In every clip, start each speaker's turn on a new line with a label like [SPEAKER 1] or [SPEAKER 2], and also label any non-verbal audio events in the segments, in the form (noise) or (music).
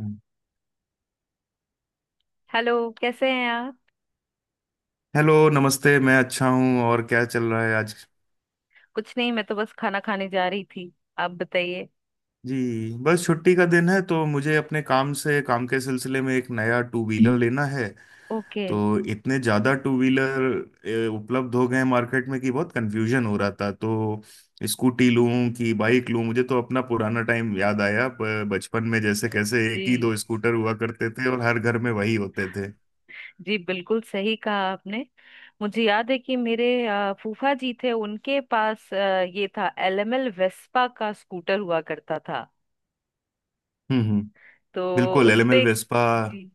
[SPEAKER 1] हम्म।
[SPEAKER 2] Hello, कैसे हैं आप?
[SPEAKER 1] हेलो, नमस्ते। मैं अच्छा हूँ। और क्या चल रहा है आज?
[SPEAKER 2] कुछ नहीं, मैं तो बस खाना खाने जा रही थी। आप बताइए।
[SPEAKER 1] जी, बस छुट्टी का दिन है, तो मुझे अपने काम से काम के सिलसिले में एक नया टू व्हीलर लेना है।
[SPEAKER 2] ओके।
[SPEAKER 1] तो इतने ज़्यादा टू व्हीलर उपलब्ध हो गए हैं मार्केट में कि बहुत कंफ्यूजन हो रहा था, तो स्कूटी लूँ कि बाइक लूँ। मुझे तो अपना पुराना टाइम याद आया। बचपन में जैसे कैसे एक ही
[SPEAKER 2] जी।
[SPEAKER 1] दो स्कूटर हुआ करते थे और हर घर में वही होते थे।
[SPEAKER 2] जी, बिल्कुल सही कहा आपने। मुझे याद है कि मेरे फूफा जी थे, उनके पास ये था, एलएमएल वेस्पा का स्कूटर हुआ करता था।
[SPEAKER 1] हम्म।
[SPEAKER 2] तो
[SPEAKER 1] बिल्कुल, एलएमएल
[SPEAKER 2] उसपे।
[SPEAKER 1] वेस्पा।
[SPEAKER 2] जी।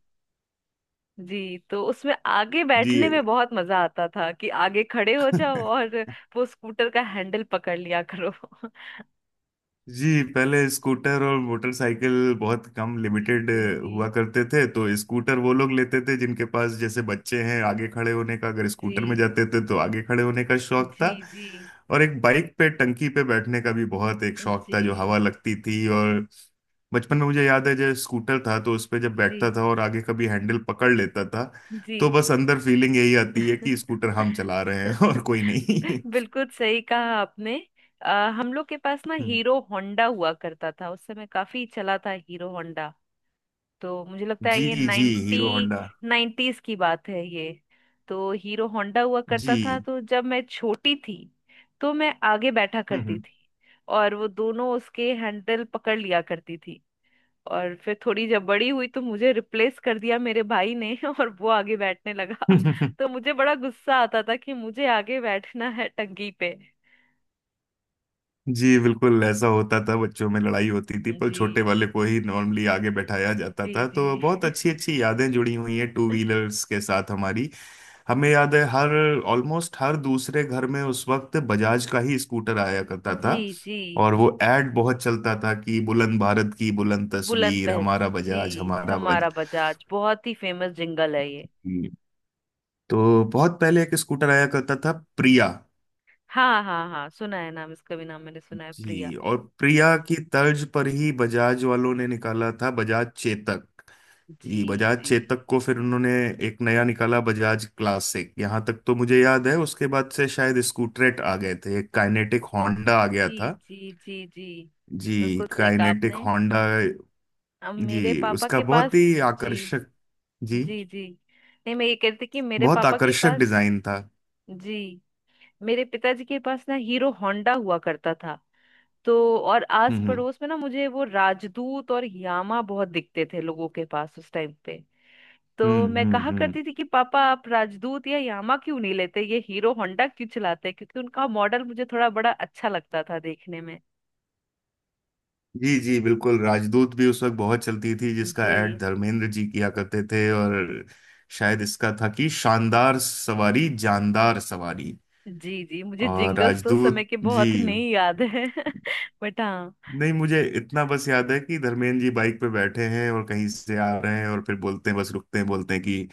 [SPEAKER 2] जी, तो उसमें आगे बैठने
[SPEAKER 1] जी।
[SPEAKER 2] में बहुत मजा आता था कि आगे खड़े हो जाओ
[SPEAKER 1] (laughs)
[SPEAKER 2] और वो स्कूटर का हैंडल पकड़ लिया करो। (laughs)
[SPEAKER 1] जी, पहले स्कूटर और मोटरसाइकिल बहुत कम, लिमिटेड
[SPEAKER 2] जी। जी।
[SPEAKER 1] हुआ करते थे। तो स्कूटर वो लोग लेते थे जिनके पास जैसे बच्चे हैं, आगे खड़े होने का, अगर स्कूटर में
[SPEAKER 2] जी
[SPEAKER 1] जाते थे तो आगे खड़े होने का शौक
[SPEAKER 2] जी।
[SPEAKER 1] था।
[SPEAKER 2] जी
[SPEAKER 1] और एक बाइक पे टंकी पे बैठने का भी बहुत एक
[SPEAKER 2] जी।
[SPEAKER 1] शौक
[SPEAKER 2] जी
[SPEAKER 1] था, जो हवा लगती थी। और बचपन में मुझे याद है जब स्कूटर था तो उस पे जब
[SPEAKER 2] जी
[SPEAKER 1] बैठता था और आगे कभी हैंडल पकड़ लेता था,
[SPEAKER 2] जी।
[SPEAKER 1] तो बस अंदर फीलिंग यही आती है कि
[SPEAKER 2] (laughs)
[SPEAKER 1] स्कूटर हम चला रहे हैं और कोई नहीं। (laughs)
[SPEAKER 2] बिल्कुल सही कहा आपने। हम लोग के पास ना
[SPEAKER 1] हम्म।
[SPEAKER 2] हीरो होंडा हुआ करता था, उस समय काफी चला था हीरो होंडा। तो मुझे लगता है
[SPEAKER 1] जी
[SPEAKER 2] ये
[SPEAKER 1] जी, हीरो होंडा।
[SPEAKER 2] नाइन्टीज की बात है ये। तो हीरो होंडा हुआ करता था,
[SPEAKER 1] जी।
[SPEAKER 2] तो जब मैं छोटी थी तो मैं आगे बैठा करती
[SPEAKER 1] हम्म।
[SPEAKER 2] थी, और वो दोनों उसके हैंडल पकड़ लिया करती थी। और फिर थोड़ी जब बड़ी हुई तो मुझे रिप्लेस कर दिया मेरे भाई ने, (laughs) और वो आगे बैठने लगा। (laughs)
[SPEAKER 1] (laughs)
[SPEAKER 2] तो मुझे बड़ा गुस्सा आता था कि मुझे आगे बैठना है टंकी पे।
[SPEAKER 1] जी, बिल्कुल ऐसा होता था। बच्चों में लड़ाई होती थी, पर
[SPEAKER 2] जी।
[SPEAKER 1] छोटे वाले को ही नॉर्मली आगे बैठाया जाता
[SPEAKER 2] जी
[SPEAKER 1] था।
[SPEAKER 2] जी।
[SPEAKER 1] तो बहुत
[SPEAKER 2] (laughs)
[SPEAKER 1] अच्छी अच्छी यादें जुड़ी हुई हैं टू व्हीलर्स के साथ हमारी। हमें याद है हर ऑलमोस्ट हर दूसरे घर में उस वक्त बजाज का ही स्कूटर आया करता
[SPEAKER 2] जी
[SPEAKER 1] था।
[SPEAKER 2] जी।
[SPEAKER 1] और वो एड बहुत चलता था कि बुलंद भारत की बुलंद
[SPEAKER 2] बुलंद
[SPEAKER 1] तस्वीर,
[SPEAKER 2] पहल।
[SPEAKER 1] हमारा
[SPEAKER 2] जी,
[SPEAKER 1] बजाज हमारा बजाज।
[SPEAKER 2] हमारा बजाज बहुत ही फेमस जिंगल है ये।
[SPEAKER 1] तो बहुत पहले एक स्कूटर आया करता था, प्रिया।
[SPEAKER 2] हाँ हाँ हाँ, सुना है नाम, इसका भी नाम मैंने सुना है,
[SPEAKER 1] जी,
[SPEAKER 2] प्रिया।
[SPEAKER 1] और प्रिया की तर्ज पर ही बजाज वालों ने निकाला था बजाज चेतक।
[SPEAKER 2] जी
[SPEAKER 1] जी, बजाज
[SPEAKER 2] जी।
[SPEAKER 1] चेतक को फिर उन्होंने एक नया निकाला, बजाज क्लासिक। यहाँ तक तो मुझे याद है। उसके बाद से शायद स्कूटरेट आ गए थे। एक काइनेटिक होंडा आ गया
[SPEAKER 2] जी।
[SPEAKER 1] था।
[SPEAKER 2] जी जी जी।
[SPEAKER 1] जी,
[SPEAKER 2] बिल्कुल सही कहा
[SPEAKER 1] काइनेटिक
[SPEAKER 2] आपने।
[SPEAKER 1] होंडा।
[SPEAKER 2] अब मेरे
[SPEAKER 1] जी,
[SPEAKER 2] पापा
[SPEAKER 1] उसका
[SPEAKER 2] के पास।
[SPEAKER 1] बहुत ही
[SPEAKER 2] जी।
[SPEAKER 1] आकर्षक, जी,
[SPEAKER 2] जी जी। नहीं, मैं ये कहती कि मेरे
[SPEAKER 1] बहुत
[SPEAKER 2] पापा के
[SPEAKER 1] आकर्षक
[SPEAKER 2] पास।
[SPEAKER 1] डिजाइन था।
[SPEAKER 2] जी। मेरे पिताजी के पास ना हीरो होंडा हुआ करता था। तो। और आस
[SPEAKER 1] हम्म
[SPEAKER 2] पड़ोस में ना मुझे वो राजदूत और यामा बहुत दिखते थे लोगों के पास उस टाइम पे।
[SPEAKER 1] हम्म
[SPEAKER 2] तो मैं
[SPEAKER 1] हम्म
[SPEAKER 2] कहा
[SPEAKER 1] हम्म हम्म।
[SPEAKER 2] करती थी कि पापा, आप राजदूत या यामा क्यों नहीं लेते, ये हीरो होंडा क्यों चलाते हैं? क्योंकि उनका मॉडल मुझे थोड़ा बड़ा अच्छा लगता था देखने में।
[SPEAKER 1] जी जी, बिल्कुल। राजदूत भी उस वक्त बहुत चलती थी, जिसका ऐड
[SPEAKER 2] जी
[SPEAKER 1] धर्मेंद्र जी किया करते थे। और शायद इसका था कि शानदार सवारी जानदार सवारी।
[SPEAKER 2] जी। जी, मुझे
[SPEAKER 1] और
[SPEAKER 2] जिंगल्स तो उस समय
[SPEAKER 1] राजदूत,
[SPEAKER 2] के
[SPEAKER 1] जी,
[SPEAKER 2] बहुत नहीं याद है। (laughs) बट हाँ।
[SPEAKER 1] नहीं, मुझे इतना बस याद है कि धर्मेंद्र जी बाइक पे बैठे हैं और कहीं से आ रहे हैं, और फिर बोलते हैं, बस रुकते हैं बोलते हैं कि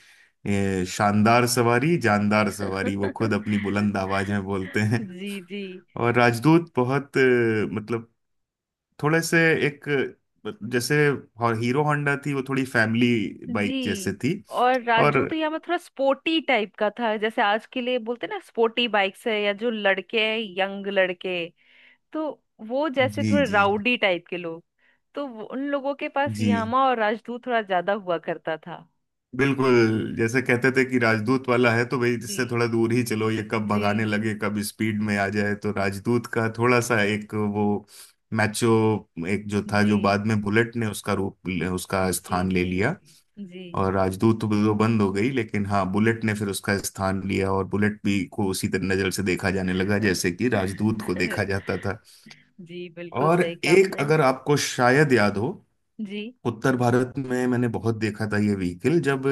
[SPEAKER 1] शानदार सवारी जानदार सवारी। वो खुद
[SPEAKER 2] (laughs)
[SPEAKER 1] अपनी बुलंद आवाज में बोलते हैं।
[SPEAKER 2] जी जी।
[SPEAKER 1] और राजदूत बहुत, मतलब थोड़े से एक, जैसे, और हीरो होंडा थी वो थोड़ी फैमिली बाइक जैसे
[SPEAKER 2] जी।
[SPEAKER 1] थी।
[SPEAKER 2] और
[SPEAKER 1] और
[SPEAKER 2] राजू तो यहाँ में थोड़ा स्पोर्टी टाइप का था, जैसे आज के लिए बोलते ना स्पोर्टी बाइक्स है, या जो लड़के हैं यंग लड़के। तो वो जैसे
[SPEAKER 1] जी
[SPEAKER 2] थोड़े
[SPEAKER 1] जी
[SPEAKER 2] राउडी टाइप के लोग। तो उन लोगों के पास
[SPEAKER 1] जी,
[SPEAKER 2] यामा और राजदूत थोड़ा ज्यादा हुआ करता था।
[SPEAKER 1] बिल्कुल, जैसे कहते थे कि राजदूत वाला है तो भाई इससे
[SPEAKER 2] जी।
[SPEAKER 1] थोड़ा दूर ही चलो, ये कब भगाने
[SPEAKER 2] जी।
[SPEAKER 1] लगे कब स्पीड में आ जाए। तो राजदूत का थोड़ा सा एक वो मैचो, एक जो था जो
[SPEAKER 2] जी।
[SPEAKER 1] बाद में बुलेट ने उसका रूप, उसका
[SPEAKER 2] जी।
[SPEAKER 1] स्थान ले
[SPEAKER 2] जी
[SPEAKER 1] लिया।
[SPEAKER 2] जी।
[SPEAKER 1] और राजदूत तो वो बंद हो गई, लेकिन हाँ, बुलेट ने फिर उसका स्थान लिया। और बुलेट भी को उसी तरह नजर से देखा जाने लगा जैसे कि राजदूत को देखा
[SPEAKER 2] (laughs)
[SPEAKER 1] जाता था।
[SPEAKER 2] जी, बिल्कुल
[SPEAKER 1] और
[SPEAKER 2] सही कहा
[SPEAKER 1] एक,
[SPEAKER 2] आपने।
[SPEAKER 1] अगर आपको शायद याद हो,
[SPEAKER 2] जी।
[SPEAKER 1] उत्तर भारत में मैंने बहुत देखा था ये व्हीकल जब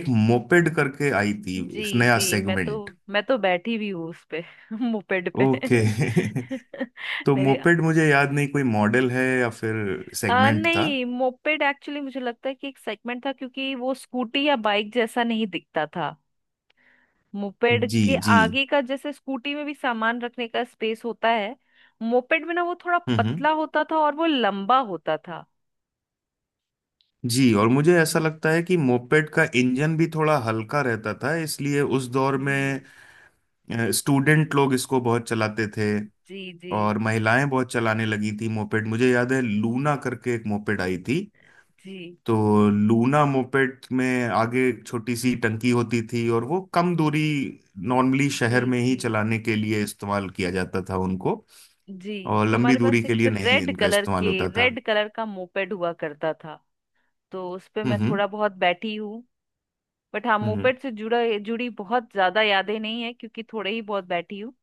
[SPEAKER 1] एक मोपेड करके आई थी, इस
[SPEAKER 2] जी।
[SPEAKER 1] नया सेगमेंट।
[SPEAKER 2] मैं तो बैठी भी हूँ उस पे। (laughs) मोपेड पे।
[SPEAKER 1] ओके।
[SPEAKER 2] (laughs)
[SPEAKER 1] (laughs) तो
[SPEAKER 2] मेरे
[SPEAKER 1] मोपेड, मुझे याद नहीं कोई मॉडल है या फिर सेगमेंट था।
[SPEAKER 2] नहीं, मोपेड एक्चुअली मुझे लगता है कि एक सेगमेंट था, क्योंकि वो स्कूटी या बाइक जैसा नहीं दिखता था। मोपेड
[SPEAKER 1] जी
[SPEAKER 2] के
[SPEAKER 1] जी।
[SPEAKER 2] आगे का, जैसे स्कूटी में भी सामान रखने का स्पेस होता है, मोपेड में ना वो थोड़ा
[SPEAKER 1] हम्म हम्म।
[SPEAKER 2] पतला होता था और वो लंबा होता था।
[SPEAKER 1] जी, और मुझे ऐसा लगता है कि मोपेड का इंजन भी थोड़ा हल्का रहता था, इसलिए उस दौर में
[SPEAKER 2] जी।
[SPEAKER 1] स्टूडेंट लोग इसको बहुत चलाते थे।
[SPEAKER 2] जी। जी
[SPEAKER 1] और महिलाएं बहुत चलाने लगी थी मोपेड। मुझे याद है लूना करके एक मोपेड आई थी।
[SPEAKER 2] जी।
[SPEAKER 1] तो लूना मोपेड में आगे एक छोटी सी टंकी होती थी, और वो कम दूरी, नॉर्मली
[SPEAKER 2] जी
[SPEAKER 1] शहर में ही
[SPEAKER 2] जी।
[SPEAKER 1] चलाने के लिए इस्तेमाल किया जाता था उनको।
[SPEAKER 2] जी।
[SPEAKER 1] और लंबी
[SPEAKER 2] हमारे पास
[SPEAKER 1] दूरी के
[SPEAKER 2] एक
[SPEAKER 1] लिए नहीं इनका इस्तेमाल होता था।
[SPEAKER 2] रेड कलर का मोपेड हुआ करता था। तो उस पे
[SPEAKER 1] हम्म
[SPEAKER 2] मैं
[SPEAKER 1] हम्म
[SPEAKER 2] थोड़ा बहुत बैठी हूँ। बट हाँ,
[SPEAKER 1] हम्म।
[SPEAKER 2] मोपेड से जुड़ा जुड़ी बहुत ज्यादा यादें नहीं है, क्योंकि थोड़े ही बहुत बैठी हूँ।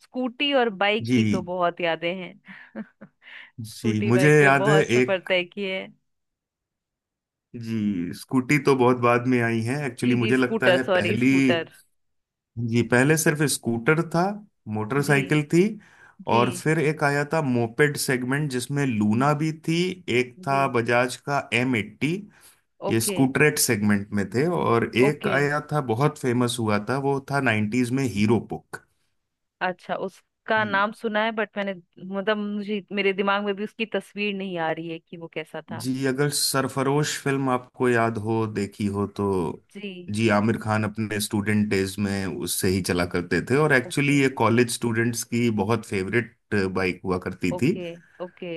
[SPEAKER 2] स्कूटी और बाइक
[SPEAKER 1] जी
[SPEAKER 2] की तो बहुत यादें हैं। (laughs)
[SPEAKER 1] जी,
[SPEAKER 2] स्कूटी
[SPEAKER 1] मुझे
[SPEAKER 2] बाइक पे
[SPEAKER 1] याद है
[SPEAKER 2] बहुत सफर
[SPEAKER 1] एक,
[SPEAKER 2] तय किए हैं।
[SPEAKER 1] जी, स्कूटी तो बहुत बाद में आई है एक्चुअली,
[SPEAKER 2] जी जी
[SPEAKER 1] मुझे लगता
[SPEAKER 2] स्कूटर
[SPEAKER 1] है
[SPEAKER 2] सॉरी
[SPEAKER 1] पहली,
[SPEAKER 2] स्कूटर।
[SPEAKER 1] जी, पहले सिर्फ स्कूटर था,
[SPEAKER 2] जी
[SPEAKER 1] मोटरसाइकिल थी। और
[SPEAKER 2] जी।
[SPEAKER 1] फिर एक आया था मोपेड सेगमेंट, जिसमें लूना भी थी। एक
[SPEAKER 2] जी।
[SPEAKER 1] था बजाज का M80। ये
[SPEAKER 2] ओके।
[SPEAKER 1] स्कूटरेट सेगमेंट में थे। और एक
[SPEAKER 2] ओके,
[SPEAKER 1] आया था, बहुत फेमस हुआ था, वो था 90s में, हीरो पुक।
[SPEAKER 2] अच्छा, उसका नाम सुना है, बट मैंने, मतलब मुझे, मेरे दिमाग में भी उसकी तस्वीर नहीं आ रही है कि वो कैसा था।
[SPEAKER 1] जी, अगर सरफरोश फिल्म आपको याद हो, देखी हो तो,
[SPEAKER 2] जी।
[SPEAKER 1] जी, आमिर खान अपने स्टूडेंट डेज में उससे ही चला करते थे। और
[SPEAKER 2] ओके।
[SPEAKER 1] एक्चुअली ये कॉलेज स्टूडेंट्स की बहुत फेवरेट बाइक हुआ करती थी।
[SPEAKER 2] ओके। ओके,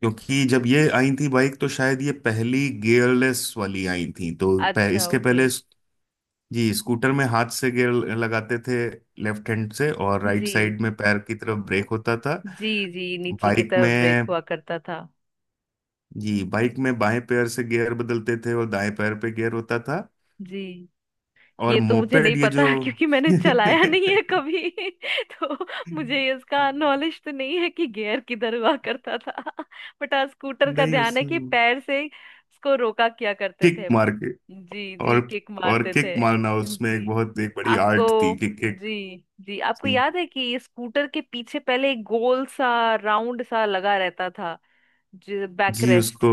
[SPEAKER 1] क्योंकि जब ये आई थी बाइक, तो शायद ये पहली गियरलेस वाली आई थी। तो
[SPEAKER 2] अच्छा,
[SPEAKER 1] इसके
[SPEAKER 2] ओके।
[SPEAKER 1] पहले जी, स्कूटर में हाथ से गियर लगाते थे, लेफ्ट हैंड से, और राइट
[SPEAKER 2] जी
[SPEAKER 1] साइड में पैर की तरफ ब्रेक होता था।
[SPEAKER 2] जी, जी नीचे की
[SPEAKER 1] बाइक
[SPEAKER 2] तरफ ब्रेक
[SPEAKER 1] में,
[SPEAKER 2] हुआ करता था।
[SPEAKER 1] जी, बाइक में बाएं पैर से गियर बदलते थे और दाएं पैर पे गियर होता था।
[SPEAKER 2] जी,
[SPEAKER 1] और
[SPEAKER 2] ये तो मुझे नहीं
[SPEAKER 1] मोपेड ये
[SPEAKER 2] पता,
[SPEAKER 1] जो
[SPEAKER 2] (laughs) क्योंकि
[SPEAKER 1] (laughs)
[SPEAKER 2] मैंने चलाया नहीं है
[SPEAKER 1] नहीं,
[SPEAKER 2] कभी। (laughs) तो मुझे इसका नॉलेज तो नहीं है कि गियर किधर हुआ करता था। (laughs) बट हाँ, स्कूटर का ध्यान
[SPEAKER 1] उस
[SPEAKER 2] है कि पैर से उसको रोका किया करते
[SPEAKER 1] किक
[SPEAKER 2] थे।
[SPEAKER 1] मार के,
[SPEAKER 2] जी जी,
[SPEAKER 1] और
[SPEAKER 2] किक
[SPEAKER 1] और
[SPEAKER 2] मारते
[SPEAKER 1] किक
[SPEAKER 2] थे।
[SPEAKER 1] मारना उसमें एक
[SPEAKER 2] जी।
[SPEAKER 1] बहुत, एक बड़ी
[SPEAKER 2] आपको।
[SPEAKER 1] आर्ट थी कि किक।
[SPEAKER 2] जी। जी, आपको
[SPEAKER 1] जी
[SPEAKER 2] याद है कि स्कूटर के पीछे पहले एक गोल सा राउंड सा लगा रहता था, बैक
[SPEAKER 1] जी,
[SPEAKER 2] रेस्ट?
[SPEAKER 1] उसको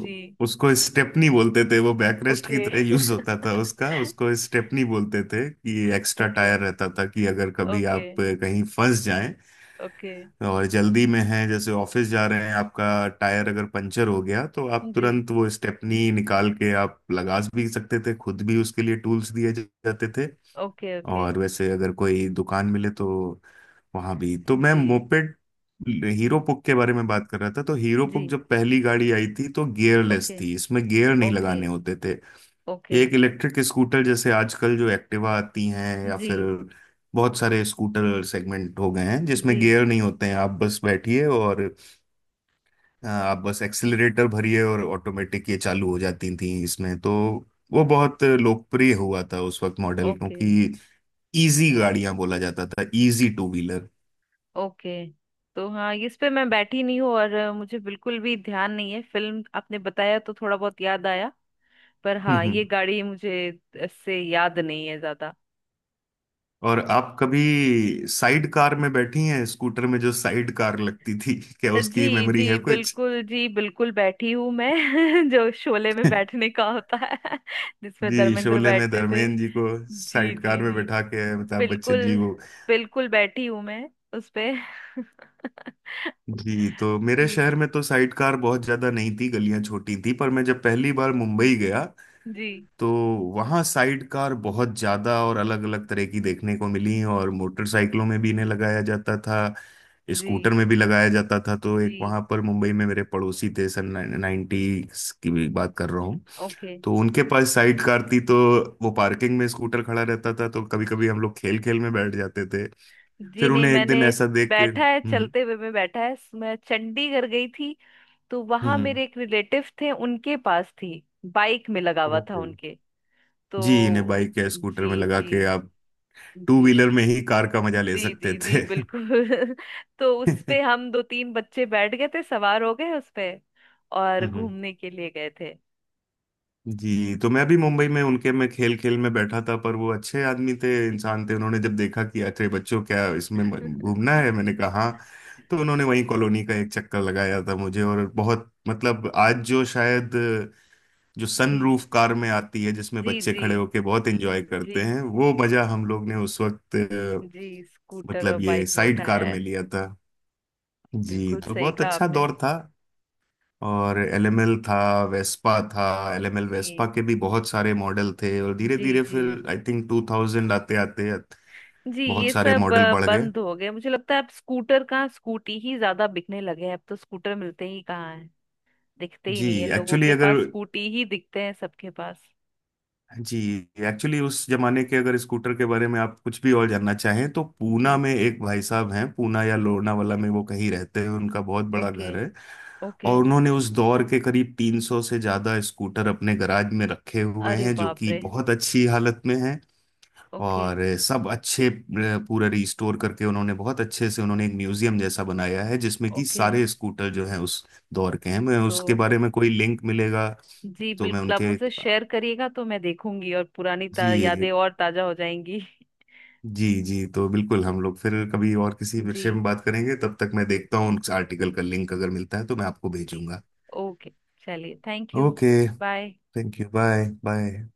[SPEAKER 2] जी।
[SPEAKER 1] उसको स्टेपनी बोलते थे, वो बैकरेस्ट की
[SPEAKER 2] ओके।
[SPEAKER 1] तरह यूज होता था उसका। उसको स्टेपनी बोलते थे कि एक्स्ट्रा
[SPEAKER 2] ओके।
[SPEAKER 1] टायर रहता था, कि अगर कभी
[SPEAKER 2] ओके।
[SPEAKER 1] आप कहीं फंस जाएं
[SPEAKER 2] ओके।
[SPEAKER 1] और जल्दी में है, जैसे ऑफिस जा रहे हैं, आपका टायर अगर पंचर हो गया, तो आप
[SPEAKER 2] जी।
[SPEAKER 1] तुरंत वो स्टेपनी निकाल के आप लगा भी सकते थे खुद भी। उसके लिए टूल्स दिए जाते थे।
[SPEAKER 2] ओके। ओके।
[SPEAKER 1] और वैसे अगर कोई दुकान मिले तो वहां भी। तो मैं
[SPEAKER 2] जी
[SPEAKER 1] मोपेड, हीरो पुक के बारे में बात कर रहा था, तो हीरो
[SPEAKER 2] जी।
[SPEAKER 1] पुक जब पहली गाड़ी आई थी तो गियरलेस
[SPEAKER 2] ओके।
[SPEAKER 1] थी, इसमें गियर नहीं
[SPEAKER 2] ओके।
[SPEAKER 1] लगाने होते थे।
[SPEAKER 2] ओके।
[SPEAKER 1] एक इलेक्ट्रिक स्कूटर जैसे आजकल जो एक्टिवा आती हैं, या
[SPEAKER 2] जी
[SPEAKER 1] फिर बहुत सारे स्कूटर सेगमेंट हो गए हैं जिसमें
[SPEAKER 2] जी।
[SPEAKER 1] गियर नहीं होते हैं, आप बस बैठिए और आप बस एक्सिलरेटर भरिए और ऑटोमेटिक ये चालू हो जाती थी। इसमें तो वो बहुत लोकप्रिय हुआ था उस वक्त मॉडल,
[SPEAKER 2] ओके।
[SPEAKER 1] क्योंकि इजी गाड़ियां बोला जाता था, इजी टू व्हीलर।
[SPEAKER 2] ओके। तो हाँ, इस पे मैं बैठी नहीं हूँ, और मुझे बिल्कुल भी ध्यान नहीं है। फिल्म आपने बताया तो थोड़ा बहुत याद आया, पर
[SPEAKER 1] हम्म
[SPEAKER 2] हाँ ये
[SPEAKER 1] हम्म।
[SPEAKER 2] गाड़ी मुझे इससे याद नहीं है ज्यादा।
[SPEAKER 1] और आप कभी साइड कार में बैठी हैं, स्कूटर में जो साइड कार लगती थी, क्या उसकी
[SPEAKER 2] जी
[SPEAKER 1] मेमोरी है
[SPEAKER 2] जी,
[SPEAKER 1] कुछ?
[SPEAKER 2] बिल्कुल, जी बिल्कुल, बैठी हूँ मैं। (laughs) जो शोले में
[SPEAKER 1] (laughs)
[SPEAKER 2] बैठने का होता है, (laughs) जिसपे
[SPEAKER 1] जी,
[SPEAKER 2] धर्मेंद्र
[SPEAKER 1] शोले में
[SPEAKER 2] बैठते थे।
[SPEAKER 1] धर्मेंद्र जी को
[SPEAKER 2] जी जी
[SPEAKER 1] साइडकार में
[SPEAKER 2] जी।
[SPEAKER 1] बैठा के अमिताभ बच्चन जी
[SPEAKER 2] बिल्कुल,
[SPEAKER 1] वो,
[SPEAKER 2] बिल्कुल बैठी हूं मैं उस पे। (laughs)
[SPEAKER 1] जी, तो मेरे
[SPEAKER 2] जी
[SPEAKER 1] शहर में तो साइडकार बहुत ज्यादा नहीं थी, गलियां छोटी थी। पर मैं जब पहली बार मुंबई गया,
[SPEAKER 2] जी।
[SPEAKER 1] तो वहाँ साइडकार बहुत ज्यादा और अलग अलग तरह की देखने को मिली। और मोटरसाइकिलों में भी इन्हें लगाया जाता था, स्कूटर
[SPEAKER 2] जी।
[SPEAKER 1] में भी लगाया जाता था। तो एक
[SPEAKER 2] जी
[SPEAKER 1] वहाँ पर मुंबई में मेरे पड़ोसी थे, सन 90s की भी बात कर रहा,
[SPEAKER 2] ओके।
[SPEAKER 1] तो उनके पास साइड कार थी। तो वो पार्किंग में स्कूटर खड़ा रहता था, तो कभी कभी हम लोग खेल खेल में बैठ जाते थे।
[SPEAKER 2] जी,
[SPEAKER 1] फिर
[SPEAKER 2] नहीं
[SPEAKER 1] उन्हें एक दिन
[SPEAKER 2] मैंने
[SPEAKER 1] ऐसा देख के
[SPEAKER 2] बैठा है,
[SPEAKER 1] हम्म।
[SPEAKER 2] चलते हुए में बैठा है। मैं चंडीगढ़ गई थी, तो वहां
[SPEAKER 1] हम्म।
[SPEAKER 2] मेरे एक रिलेटिव थे, उनके पास थी। बाइक में लगा हुआ था
[SPEAKER 1] ओके।
[SPEAKER 2] उनके।
[SPEAKER 1] जी, इन्हें
[SPEAKER 2] तो
[SPEAKER 1] बाइक या स्कूटर में
[SPEAKER 2] जी
[SPEAKER 1] लगा के
[SPEAKER 2] जी।
[SPEAKER 1] आप टू
[SPEAKER 2] जी।
[SPEAKER 1] व्हीलर में ही कार का मजा ले
[SPEAKER 2] जी
[SPEAKER 1] सकते
[SPEAKER 2] जी जी,
[SPEAKER 1] थे।
[SPEAKER 2] बिल्कुल। (laughs) तो उस पे
[SPEAKER 1] (laughs)
[SPEAKER 2] हम दो तीन बच्चे बैठ गए थे, सवार हो गए उस पे और
[SPEAKER 1] हम्म।
[SPEAKER 2] घूमने के लिए गए थे।
[SPEAKER 1] जी, तो मैं भी मुंबई में उनके में खेल खेल में बैठा था। पर वो अच्छे आदमी थे, इंसान थे, उन्होंने जब देखा कि अरे बच्चों क्या इसमें घूमना है, मैंने कहा
[SPEAKER 2] (laughs)
[SPEAKER 1] हाँ। तो उन्होंने वहीं कॉलोनी का एक चक्कर लगाया था मुझे। और बहुत, मतलब आज जो शायद, जो
[SPEAKER 2] जी।
[SPEAKER 1] सनरूफ कार में आती है, जिसमें
[SPEAKER 2] जी
[SPEAKER 1] बच्चे
[SPEAKER 2] जी।
[SPEAKER 1] खड़े होके बहुत एंजॉय
[SPEAKER 2] जी।
[SPEAKER 1] करते हैं, वो मजा हम लोग ने उस वक्त
[SPEAKER 2] जी स्कूटर और
[SPEAKER 1] मतलब ये
[SPEAKER 2] बाइक में
[SPEAKER 1] साइड कार
[SPEAKER 2] उठाया
[SPEAKER 1] में
[SPEAKER 2] है।
[SPEAKER 1] लिया था। जी,
[SPEAKER 2] बिल्कुल
[SPEAKER 1] तो
[SPEAKER 2] सही
[SPEAKER 1] बहुत
[SPEAKER 2] कहा
[SPEAKER 1] अच्छा
[SPEAKER 2] आपने।
[SPEAKER 1] दौर था। और एलएमएल था, वेस्पा था। एलएमएल वेस्पा
[SPEAKER 2] जी।
[SPEAKER 1] के भी बहुत सारे मॉडल थे। और धीरे
[SPEAKER 2] जी।
[SPEAKER 1] धीरे
[SPEAKER 2] जी,
[SPEAKER 1] फिर, आई थिंक, 2000 आते आते
[SPEAKER 2] जी
[SPEAKER 1] बहुत
[SPEAKER 2] ये
[SPEAKER 1] सारे
[SPEAKER 2] सब
[SPEAKER 1] मॉडल बढ़ गए।
[SPEAKER 2] बंद हो गए, मुझे लगता है। अब स्कूटर कहाँ, स्कूटी ही ज्यादा बिकने लगे हैं, अब तो स्कूटर मिलते ही कहाँ हैं, दिखते ही
[SPEAKER 1] जी,
[SPEAKER 2] नहीं है लोगों
[SPEAKER 1] एक्चुअली
[SPEAKER 2] के
[SPEAKER 1] अगर,
[SPEAKER 2] पास, स्कूटी ही दिखते हैं सबके पास।
[SPEAKER 1] जी, एक्चुअली उस जमाने के अगर स्कूटर के बारे में आप कुछ भी और जानना चाहें, तो पूना
[SPEAKER 2] जी।
[SPEAKER 1] में एक भाई साहब हैं, पूना या लोनावाला में वो कहीं रहते हैं, उनका बहुत बड़ा
[SPEAKER 2] ओके।
[SPEAKER 1] घर है।
[SPEAKER 2] ओके।
[SPEAKER 1] और उन्होंने उस दौर के करीब 300 से ज़्यादा स्कूटर अपने गराज में रखे हुए
[SPEAKER 2] अरे
[SPEAKER 1] हैं, जो
[SPEAKER 2] बाप
[SPEAKER 1] कि
[SPEAKER 2] रे।
[SPEAKER 1] बहुत अच्छी हालत में हैं।
[SPEAKER 2] ओके।
[SPEAKER 1] और सब अच्छे, पूरा रिस्टोर करके, उन्होंने बहुत अच्छे से, उन्होंने एक म्यूजियम जैसा बनाया है, जिसमें कि
[SPEAKER 2] ओके।
[SPEAKER 1] सारे स्कूटर जो हैं उस दौर के हैं। मैं
[SPEAKER 2] तो
[SPEAKER 1] उसके बारे में कोई लिंक मिलेगा
[SPEAKER 2] जी,
[SPEAKER 1] तो मैं
[SPEAKER 2] बिल्कुल आप
[SPEAKER 1] उनके,
[SPEAKER 2] मुझसे शेयर करिएगा तो मैं देखूंगी और पुरानी यादें
[SPEAKER 1] जी
[SPEAKER 2] और ताजा हो जाएंगी।
[SPEAKER 1] जी जी, तो बिल्कुल, हम लोग फिर कभी और किसी
[SPEAKER 2] जी
[SPEAKER 1] विषय में बात करेंगे। तब तक मैं देखता हूँ उस आर्टिकल का लिंक, अगर मिलता है तो मैं आपको
[SPEAKER 2] जी।
[SPEAKER 1] भेजूंगा।
[SPEAKER 2] ओके। चलिए, thank you.
[SPEAKER 1] Okay,
[SPEAKER 2] bye.
[SPEAKER 1] Thank you. Bye bye.